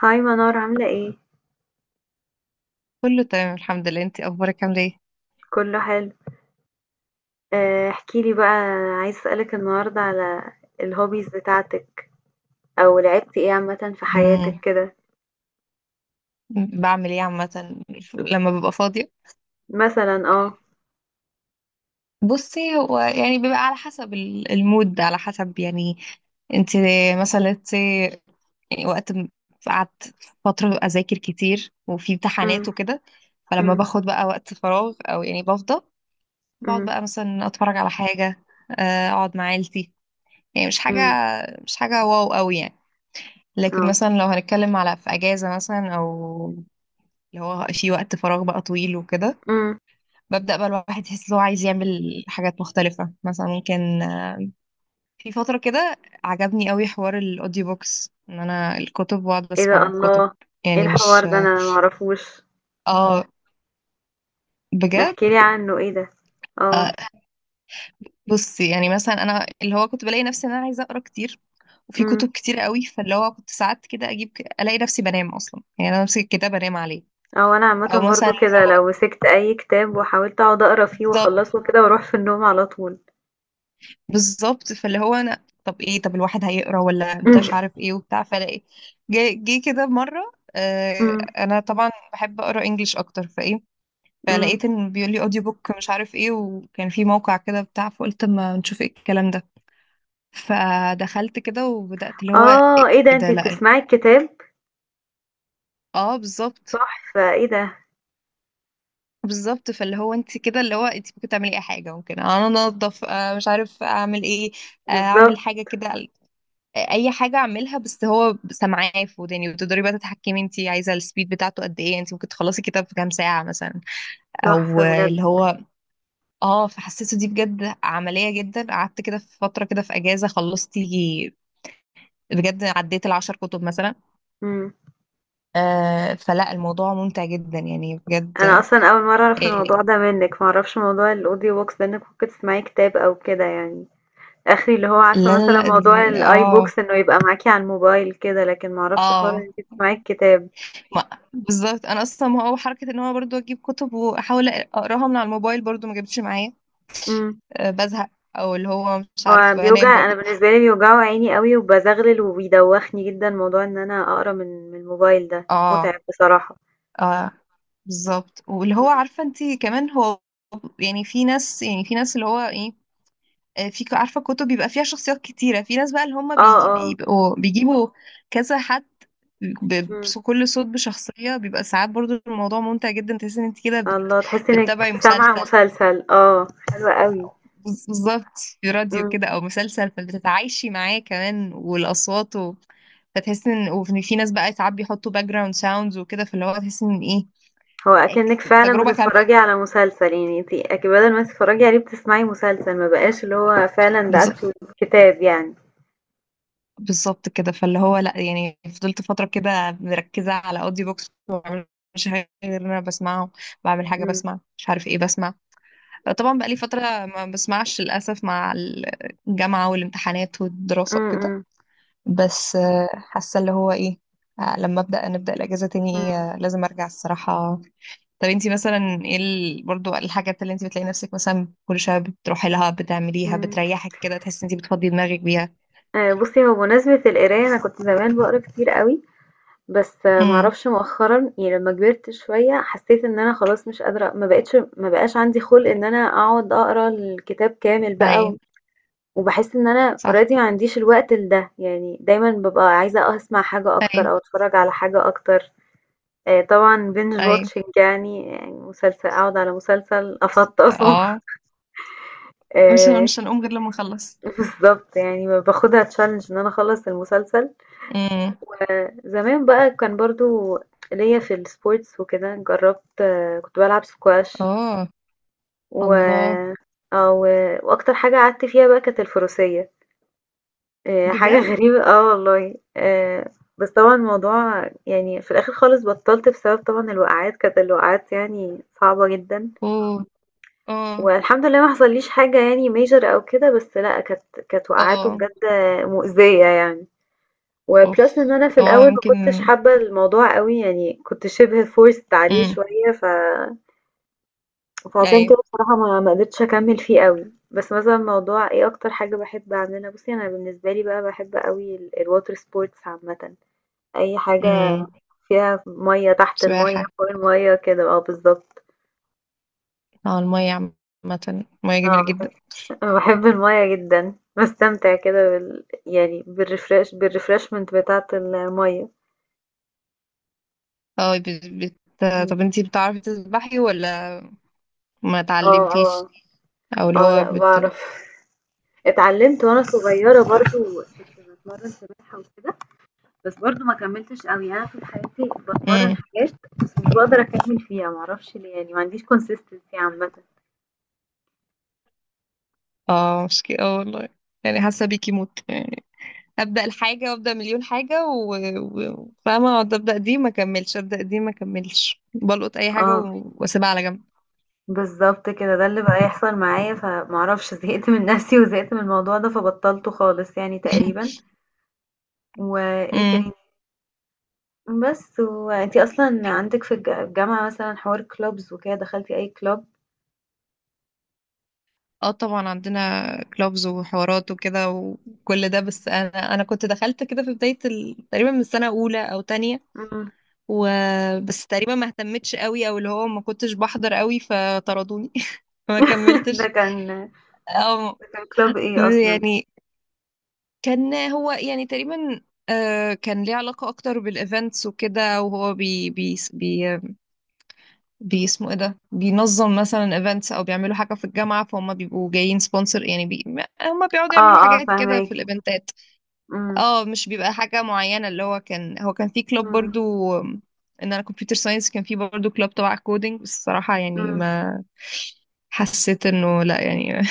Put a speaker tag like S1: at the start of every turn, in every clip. S1: هاي منار عاملة ايه؟
S2: كله تمام الحمد لله، انتي اخبارك عامله ايه؟
S1: كله حلو. آه، احكيلي بقى. عايز اسألك النهاردة على الهوبيز بتاعتك او لعبتي ايه عامة في حياتك
S2: مم.
S1: كده.
S2: بعمل ايه عامه. لما ببقى فاضيه،
S1: مثلا اه.
S2: بصي هو يعني بيبقى على حسب المود، على حسب يعني انتي، مثلا وقت قعدت فتره اذاكر كتير وفي
S1: أم.
S2: امتحانات وكده. فلما
S1: أم.
S2: باخد بقى وقت فراغ او يعني بفضى، بقعد
S1: أم.
S2: بقى مثلا اتفرج على حاجه، اقعد مع عيلتي. يعني
S1: أم.
S2: مش حاجه واو قوي يعني. لكن
S1: اه.
S2: مثلا لو هنتكلم على في اجازه مثلا او اللي هو في وقت فراغ بقى طويل وكده،
S1: أم.
S2: ببدأ بقى الواحد يحس ان هو عايز يعمل حاجات مختلفة. مثلا ممكن، في فترة كده عجبني قوي حوار الاوديو بوكس، ان انا الكتب واقعد
S1: ايه ده،
S2: بسمع كتب.
S1: الله! ايه
S2: يعني
S1: الحوار
S2: مش،
S1: ده؟ انا معرفوش.
S2: اه بجد.
S1: احكيلي عنه، ايه ده؟
S2: آه،
S1: اه.
S2: بصي، يعني مثلا انا اللي هو كنت بلاقي نفسي ان انا عايزة اقرا كتير، وفي
S1: أم.
S2: كتب كتير قوي، فاللي هو كنت ساعات كده اجيب الاقي نفسي بنام اصلا. يعني انا امسك الكتاب انام عليه.
S1: او انا عامة
S2: او مثلا
S1: برضو
S2: اللي
S1: كده،
S2: هو
S1: لو مسكت اي كتاب وحاولت اقعد اقرا فيه
S2: بالظبط،
S1: واخلصه كده، واروح في النوم على طول.
S2: بالظبط فاللي هو انا طب ايه، طب الواحد هيقرا ولا
S1: أم.
S2: انتش عارف ايه وبتاع، فلاقي جه جه كده مره.
S1: أم.
S2: انا طبعا بحب اقرا انجليش اكتر فايه،
S1: أم.
S2: فلقيت ان بيقول لي اوديو بوك مش عارف ايه، وكان في موقع كده بتاع. فقلت اما نشوف ايه الكلام ده. فدخلت كده وبدات اللي هو ايه.
S1: اه، ايه ده؟
S2: ده
S1: انتي
S2: لا،
S1: بتسمعي الكتاب؟
S2: اه بالظبط.
S1: تحفة! إيه ده؟
S2: بالظبط فاللي هو انت كده، اللي هو انت ممكن تعملي اي حاجه، ممكن انا انضف، مش عارف اعمل ايه، اعمل
S1: بالضبط.
S2: حاجه كده، اي حاجه اعملها، بس هو سامعاه في وداني. وتقدري بقى تتحكمي انت عايزه السبيد بتاعته قد ايه، انت ممكن تخلصي كتاب في كام ساعه مثلا. او
S1: تحفة بجد.
S2: اللي هو، اه فحسيته دي بجد عمليه جدا. قعدت كده في فتره كده في اجازه خلصت يجي بجد عديت العشر كتب مثلا.
S1: إمم.
S2: فلا الموضوع ممتع جدا يعني بجد.
S1: أنا أصلًا أول مرّة أعرف الموضوع
S2: يعني
S1: ده منِّك، ما أعرفش موضوع الaudio books ده، إنِّك ممكن تسمعي كتاب أو كده يعني. آخري اللي هو
S2: لا
S1: عارفة
S2: لا
S1: مثلًا
S2: لا دي،
S1: موضوع الiBooks إنه يبقى معاكِ على الموبايل كده، لكن ما أعرفش حوار إن
S2: اه
S1: أنتِ تسمعي الكتاب.
S2: بالظبط. انا اصلا، ما هو حركه ان هو برضو اجيب كتب واحاول اقراها من على الموبايل برضو ما جابتش معايا.
S1: إمم.
S2: بزهق، او اللي هو مش عارف
S1: هو
S2: بنام
S1: بيوجع، أنا
S2: برضو.
S1: بالنسبة لي بيوجعوا عيني أوي وبازغلل وبيدوّخني جدًا موضوع إن أنا أقرا من الموبايل ده،
S2: اه،
S1: مُتعب بصراحة.
S2: اه بالظبط. واللي هو
S1: إمم.
S2: عارفه انت كمان هو. يعني، في ناس اللي هو ايه، في عارفه كتب بيبقى فيها شخصيات كتيره، في ناس بقى اللي هم
S1: آه. آه.
S2: بيبقوا بيجيبوا كذا حد،
S1: إمم.
S2: كل صوت بشخصيه، بيبقى ساعات برضو الموضوع ممتع جدا. تحس ان انت كده بت...
S1: الله، تحسّي إنِّك
S2: بتتابعي
S1: سامعة
S2: مسلسل.
S1: مسلسل. آه، حلو أوي.
S2: بالظبط، في راديو كده
S1: إمم.
S2: او مسلسل، فبتتعايشي معاه كمان والاصوات. فتحس ان، وفي في ناس بقى ساعات بيحطوا باك جراوند ساوندز وكده، فاللي هو تحس ان ايه،
S1: هو أكنِّك فعلًا
S2: تجربة كاملة.
S1: بتتفرّجي على مسلسل، يعني أنتِ أك بدل ما تتفرّجي عليه بتسمعي مسلسل، ما بقاش اللي هو فعلًا ده
S2: بالظبط.
S1: أكتُه كتاب يعني.
S2: بالظبط كده فاللي هو لا، يعني فضلت فترة كده مركزة على اودي بوكس. مش حاجة غير إن انا بسمعه، بعمل حاجة
S1: إمم.
S2: بسمع مش عارف ايه بسمع. طبعا بقى لي فترة ما بسمعش للأسف، مع الجامعة والامتحانات والدراسة
S1: إمم.
S2: وكده.
S1: إمم.
S2: بس حاسة اللي هو ايه، لما نبدأ الأجازة تاني،
S1: إمم.
S2: لازم ارجع الصراحة. طب انتي مثلا ايه برضو الحاجات اللي انتي بتلاقي نفسك مثلا كل شوية بتروحي لها بتعمليها،
S1: إمم.
S2: بتريحك كده، تحسي انتي بتفضي دماغك بيها؟
S1: بُصّي، هو بمناسبة القراية أنا كنت زمان باقرا كتير أوي، بس ما
S2: امم.
S1: أعرفش مؤخرًا يعني لمّا كبرت شوية حسّيت إن أنا خلاص مش قادرة، ما بقاش عندي خُلْق إن أنا أقعد أقرا الكتاب كامل بقى،
S2: ايوه.
S1: و وباحس إن أنا
S2: صح.
S1: already ما عنديش الوقت لده، يعني دايمًا بابقى عايزة أسمع حاجة
S2: ايوه.
S1: أكتر أو أتفرّج على حاجة أكتر. طبعًا binge
S2: ايوه.
S1: watching، يعني مسلسل أقعد على مسلسل أفطّسه.
S2: اه،
S1: آآ
S2: مش هنقوم غير لما نخلص.
S1: بالضبط، يعني باخدها challenge إن أنا أخلّص المسلسل.
S2: امم.
S1: فزمان بقى كان برضه ليّا في الsports وكده، جرّبت آه، كنت بالعب squash،
S2: اه. الله!
S1: و آه، و وأكتر حاجة قعدت فيها بقى كانت الفروسية، حاجة
S2: بجد.
S1: غريبة آه والله، بس طبعًا الموضوع يعني في الآخر خالص بطّلت بسبب طبعًا الوقعات، كانت الوقعات يعني صعبة جدًا.
S2: اوه. اه.
S1: والحمد لله ما حصليش حاجة يعني major أو كده، بس لأ كانت وقعاته
S2: اه.
S1: بجد مؤذية يعني.
S2: اوف.
S1: وبلس إن أنا في
S2: اه
S1: الأول ما
S2: يمكن.
S1: كنتش حابة الموضوع قوي، يعني كنت شبه forced عليه
S2: امم.
S1: شوية فعشان
S2: ايوه.
S1: كده بصراحة ما قدرتش أكمل فيه قوي. بس مثلا موضوع ايه أكتر حاجة بحب أعملها، بصي أنا بالنسبة لي بقى بحب قوي ال- الwater sports عامة، أي حاجة
S2: امم.
S1: فيها مية، تحت المية
S2: سباحة.
S1: فوق المية كده، اه بالظبط.
S2: اه، المية عامة، المية
S1: آه،
S2: جميلة جدا.
S1: أنا باحب المَيَّة جدًا، باستمتع كده بال يعني بالrefresh بالrefreshment بتاعة المَيَّة.
S2: اه بت... بت...
S1: إمم.
S2: طب انتي بتعرفي تسبحي ولا ما
S1: آه.
S2: اتعلمتيش؟
S1: آه.
S2: او اللي
S1: آه،
S2: هو
S1: لأ
S2: بت... بت...
S1: باعرف. اتعلمت وأنا صغيرة برضه، كنت باتمرّن سباحة وكده، بس برضه ما كمّلتش أوي، يعني أنا طول حياتي باتمرّن
S2: مم.
S1: حاجات بس مش باقدر أكمّل فيها، ما أعرفش ليه، يعني ما عنديش consistency عامةً.
S2: اه مشكلة، اه والله. يعني حاسه بيكي موت، يعني ابدا الحاجه وابدا مليون حاجه فاهمه، اقعد ابدا دي ما اكملش، ابدا دي ما اكملش، بلقط اي حاجه
S1: آه،
S2: واسيبها على جنب.
S1: بالضبط كده، ده اللي بقى يحصل معايا، فما أعرفش، زهقت من نَفْسي وزهقت من الموضوع ده، فبطّلته خالص يعني تقريبًا. وإيه تا
S2: امم.
S1: بس وأنتِ أصلًا عندِك في الجامعة مثلًا حوار clubs وكده، دخلتِ أي club؟
S2: اه طبعا عندنا كلوبز وحوارات وكده وكل ده. بس انا، كنت دخلت كده في بدايه تقريبا من سنه اولى او تانية،
S1: إمم.
S2: وبس. تقريبا ما اهتمتش قوي او اللي هو ما كنتش بحضر قوي فطردوني. ما
S1: ده
S2: كملتش.
S1: كان
S2: اه
S1: ده كان club إيه أصلًا؟
S2: يعني كان هو يعني تقريبا، كان ليه علاقة أكتر بالإيفنتس وكده. وهو بي، اسمه إيه ده، بينظم مثلا إيفنتس أو بيعملوا حاجة في الجامعة، فهم بيبقوا جايين سبونسر يعني. هم بيقعدوا
S1: آه،
S2: يعملوا
S1: آه
S2: حاجات كده
S1: فاهماكِ.
S2: في الإيفنتات.
S1: إمم.
S2: اه مش بيبقى حاجة معينة، اللي هو كان في كلوب
S1: إمم.
S2: برضو. آم، إن أنا كمبيوتر ساينس، كان في برضو كلوب تبع كودينج، بس الصراحة يعني
S1: إمم.
S2: ما حسيت إنه لا، يعني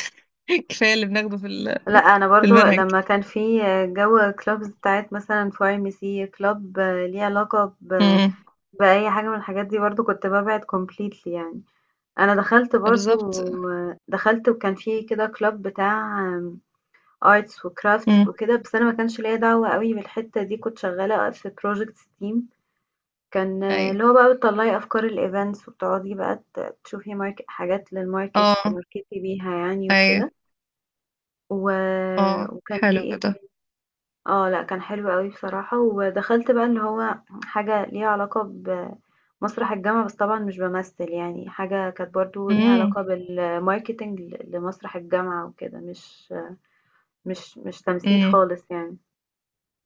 S2: كفاية اللي بناخده في
S1: لأ أنا
S2: في
S1: برضه
S2: المنهج.
S1: لمّا كان في جو clubs بتاعة مثلًا pharmacy club ليه علاقة
S2: امم.
S1: بأي حاجة من الحاجات دي، برضه كنت بابعد completely يعني. أنا دخلت برضه
S2: بالظبط.
S1: دخلت وكان في كده club بتاع arts وcrafts وكده، بس أنا ما كانش ليّا دعوة أوي بالحتّة دي، كنت شغّالة في project steam. كان آه،
S2: امم.
S1: اللي هو بقى بتطلّعي أفكار الevents وبتقعدي بقى تشوفي mark حاجات للmarket،
S2: اه.
S1: تماركتي بيها يعني
S2: ايوه.
S1: وكده، و
S2: اه،
S1: وكان في
S2: حلو
S1: إيه
S2: ده.
S1: تاني. آه لأ كان حلو أوي بصراحة، ودخلت بقى اللي هو حاجة ليها علاقة بمسرح الجامعة، بس طبعًا مش بامثّل يعني، حاجة كانت برضه ليها
S2: امم.
S1: علاقة بالmarketing لمسرح الجامعة وكده، مش تمثيل
S2: امم.
S1: خالص يعني.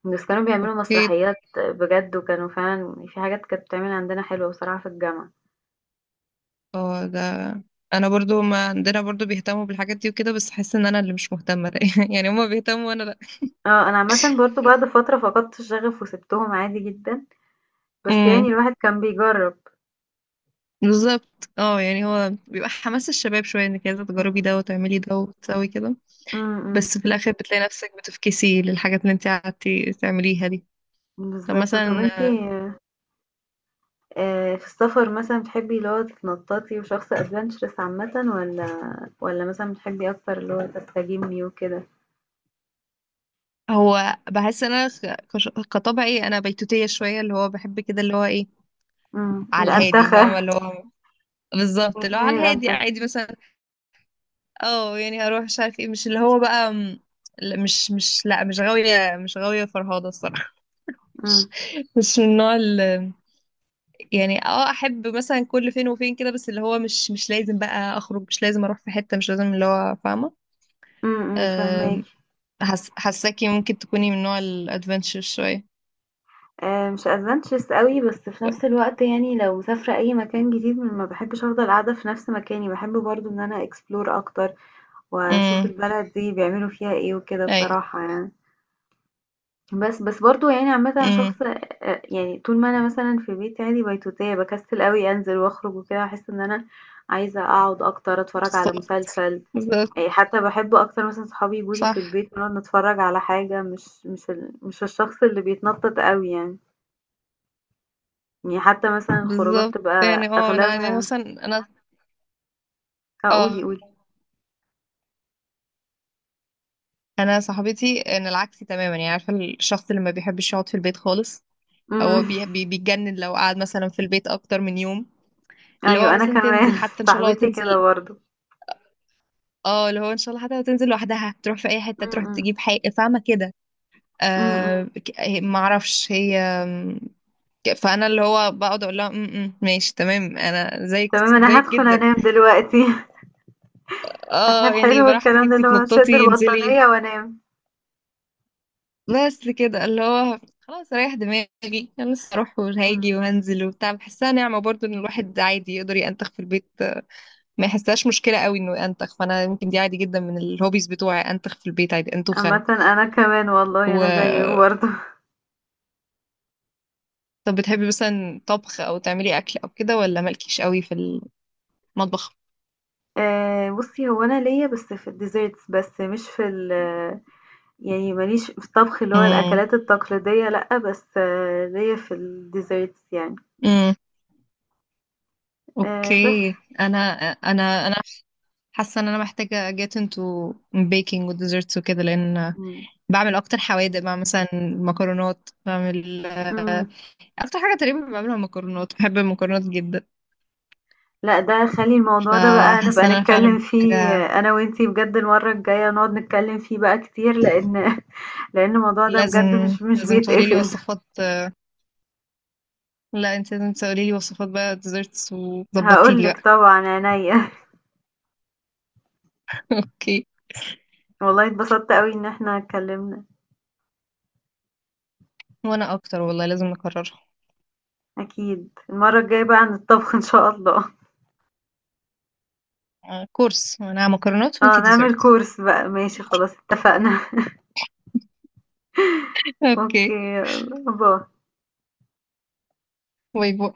S1: بس كانوا بيعملوا
S2: اكيد.
S1: مسرحيات بجد، وكانوا فعلا في حاجات كانت بتعمل عندنا حلوة بصراحة في الجامعة.
S2: اه ده انا برضو، ما عندنا برضو بيهتموا بالحاجات دي وكده، بس احس ان انا اللي مش مهتمه. يعني هما بيهتموا وانا لا.
S1: اه انا عامة برضو بعد فترة فقدت الشغف وسبتهم عادي جدا، بس يعني
S2: امم.
S1: الواحد كان بيجرب.
S2: بالظبط. اه يعني هو بيبقى حماس الشباب شويه، انك عايزه تجربي
S1: مم.
S2: ده وتعملي ده وتسوي كده،
S1: مم.
S2: بس في الاخر بتلاقي نفسك بتفكسي للحاجات اللي انت قعدتي تعمليها دي. طب
S1: بالظبط. طب
S2: مثلا،
S1: انتي آه، في السفر مثلا بتحبي اللي هو تتنططي وشخص ادفنتشرس عامة، ولا مثلا بتحبي اكتر اللي هو تستجمي وكده.
S2: هو بحس ان انا كطبعي انا بيتوتيه شويه، اللي هو بحب كده اللي هو ايه،
S1: مم.
S2: على الهادي،
S1: الانتخة!
S2: فاهمه؟ اللي هو بالظبط، اللي هو
S1: بتحبي
S2: على الهادي
S1: الانتخة.
S2: عادي مثلا. اه، يعني اروح مش عارف ايه، مش اللي هو بقى لا، مش مش لا مش غاوية، مش غاوية فرهاضة الصراحة. مش
S1: امم.
S2: مش من النوع اللي، يعني احب مثلا كل فين وفين كده، بس اللي هو مش لازم بقى اخرج، مش لازم اروح في حتة، مش لازم اللي هو فاهمة. آم،
S1: فاهماكي.
S2: حاساكي ممكن تكوني من نوع الادفنتشر شوية.
S1: مش adventures أوي، بس في نفس الوقت يعني لو مسافرة أي مكان جديد ما باحبش أفضل قاعدة في نفس مكاني، باحب برضه إن أنا explore أكتر، وأشوف
S2: امم.
S1: البلد دي بيعملوا فيها إيه وكده
S2: ايوه.
S1: بصراحة يعني. بس برضه يعني عامةً أنا
S2: امم.
S1: شخص يعني طول ما أنا مثلًا في بيتي عادي بيتوتية، باكسل أوي أنزل وأخرج وكده، أحس إن أنا عايزة أقعد أكتر، أتفرج على
S2: بالظبط.
S1: مسلسل،
S2: بالظبط.
S1: حتى باحب أكتر مثلًا صحابي ييجوا لي في
S2: صح.
S1: البيت ونقعد نتفرج على حاجة، مش الشخص اللي بيتنطط أوي يعني. يعني حتى مثلًا الخروجات
S2: بالظبط. يعني
S1: بتبقى
S2: انا يعني
S1: أغلبها
S2: مثلا انا
S1: آه،
S2: اه
S1: قولي، قولي.
S2: انا صاحبتي، انا العكس تماما يعني. عارفه الشخص اللي ما بيحبش يقعد في البيت خالص، هو
S1: إمم.
S2: بي بي بيتجنن لو قعد مثلا في البيت اكتر من يوم. اللي هو
S1: أيوه، أنا
S2: مثلا
S1: كمان
S2: تنزل، حتى ان شاء الله
S1: صاحبتي كده
S2: تنزل.
S1: برضه.
S2: اه، اللي هو ان شاء الله حتى لو تنزل لوحدها، تروح في اي حته،
S1: إمم.
S2: تروح
S1: إمم.
S2: تجيب حاجه، فاهمه كده؟
S1: إمم، إمم.
S2: ما اعرفش هي، فانا اللي هو بقعد اقول لها: م، ماشي تمام انا زيك
S1: تمام، أنا
S2: زيك
S1: هادخل
S2: جدا".
S1: أنام دلوقتي.
S2: اه يعني
S1: حلو
S2: براحتك
S1: الكلام ده،
S2: انتي
S1: اللي هو أشد
S2: تنططي انزلي.
S1: البطانية وأنام.
S2: بس كده اللي هو خلاص اريح دماغي. انا لسه اروح
S1: إمم.
S2: وهاجي وهنزل وبتاع، بحسها نعمة برضو ان الواحد عادي يقدر ينتخ في البيت، ما يحسهاش مشكلة قوي انه ينتخ. فانا يمكن دي عادي جدا من الهوبيز بتوعي، انتخ في البيت عادي، انتخ انا.
S1: عامةً أنا كمان والله، أنا زيِّك
S2: و
S1: برضه.
S2: طب بتحبي مثلا طبخ او تعملي اكل او كده، ولا مالكيش قوي في المطبخ؟
S1: بُصّي، هو أنا ليّا بس في الDesserts بس، مش في ال يعني ما ليش في الطبخ اللي هو
S2: امم.
S1: الأكلات التقليدية لأ، بس آه ليّا في الDesserts يعني.
S2: امم.
S1: بس.
S2: اوكي. انا، انا انا حاسه ان انا محتاجه get into baking و desserts وكده، لان
S1: إمم.
S2: بعمل اكتر حوادق بقى مثلا مكرونات. بعمل
S1: إمم.
S2: اكتر حاجه تقريبا بعملها مكرونات، بحب المكرونات جدا.
S1: لأ، ده خلّي الموضوع ده بقى نبقى
S2: فحاسه ان انا فعلا
S1: نتكلّم فيه
S2: حاجه
S1: آه، أنا وأنتِ بجد المرّة الجاية نقعد نتكلّم فيه بقى كتير، لإن لإن الموضوع ده
S2: لازم
S1: بجد مش
S2: لازم تقولي لي
S1: بيتقفل.
S2: وصفات. لا، انت لازم تقولي لي وصفات بقى ديزرتس، وظبطي
S1: هاقول
S2: لي
S1: لِك
S2: بقى.
S1: طبعًا، عينيّا.
S2: اوكي.
S1: والله اتبسطت أوي إن إحنا اتكلّمنا،
S2: وانا اكتر والله، لازم نكررها.
S1: أكيد. المرّة الجاية بقى عن الطبخ إن شاء الله.
S2: كورس، انا مكرونات
S1: آه،
S2: وانتي
S1: نعمل
S2: ديزرت.
S1: course بقى، ماشي خلاص اتفقنا. أوكي،
S2: اوكي.
S1: يالّا باي.
S2: باي باي.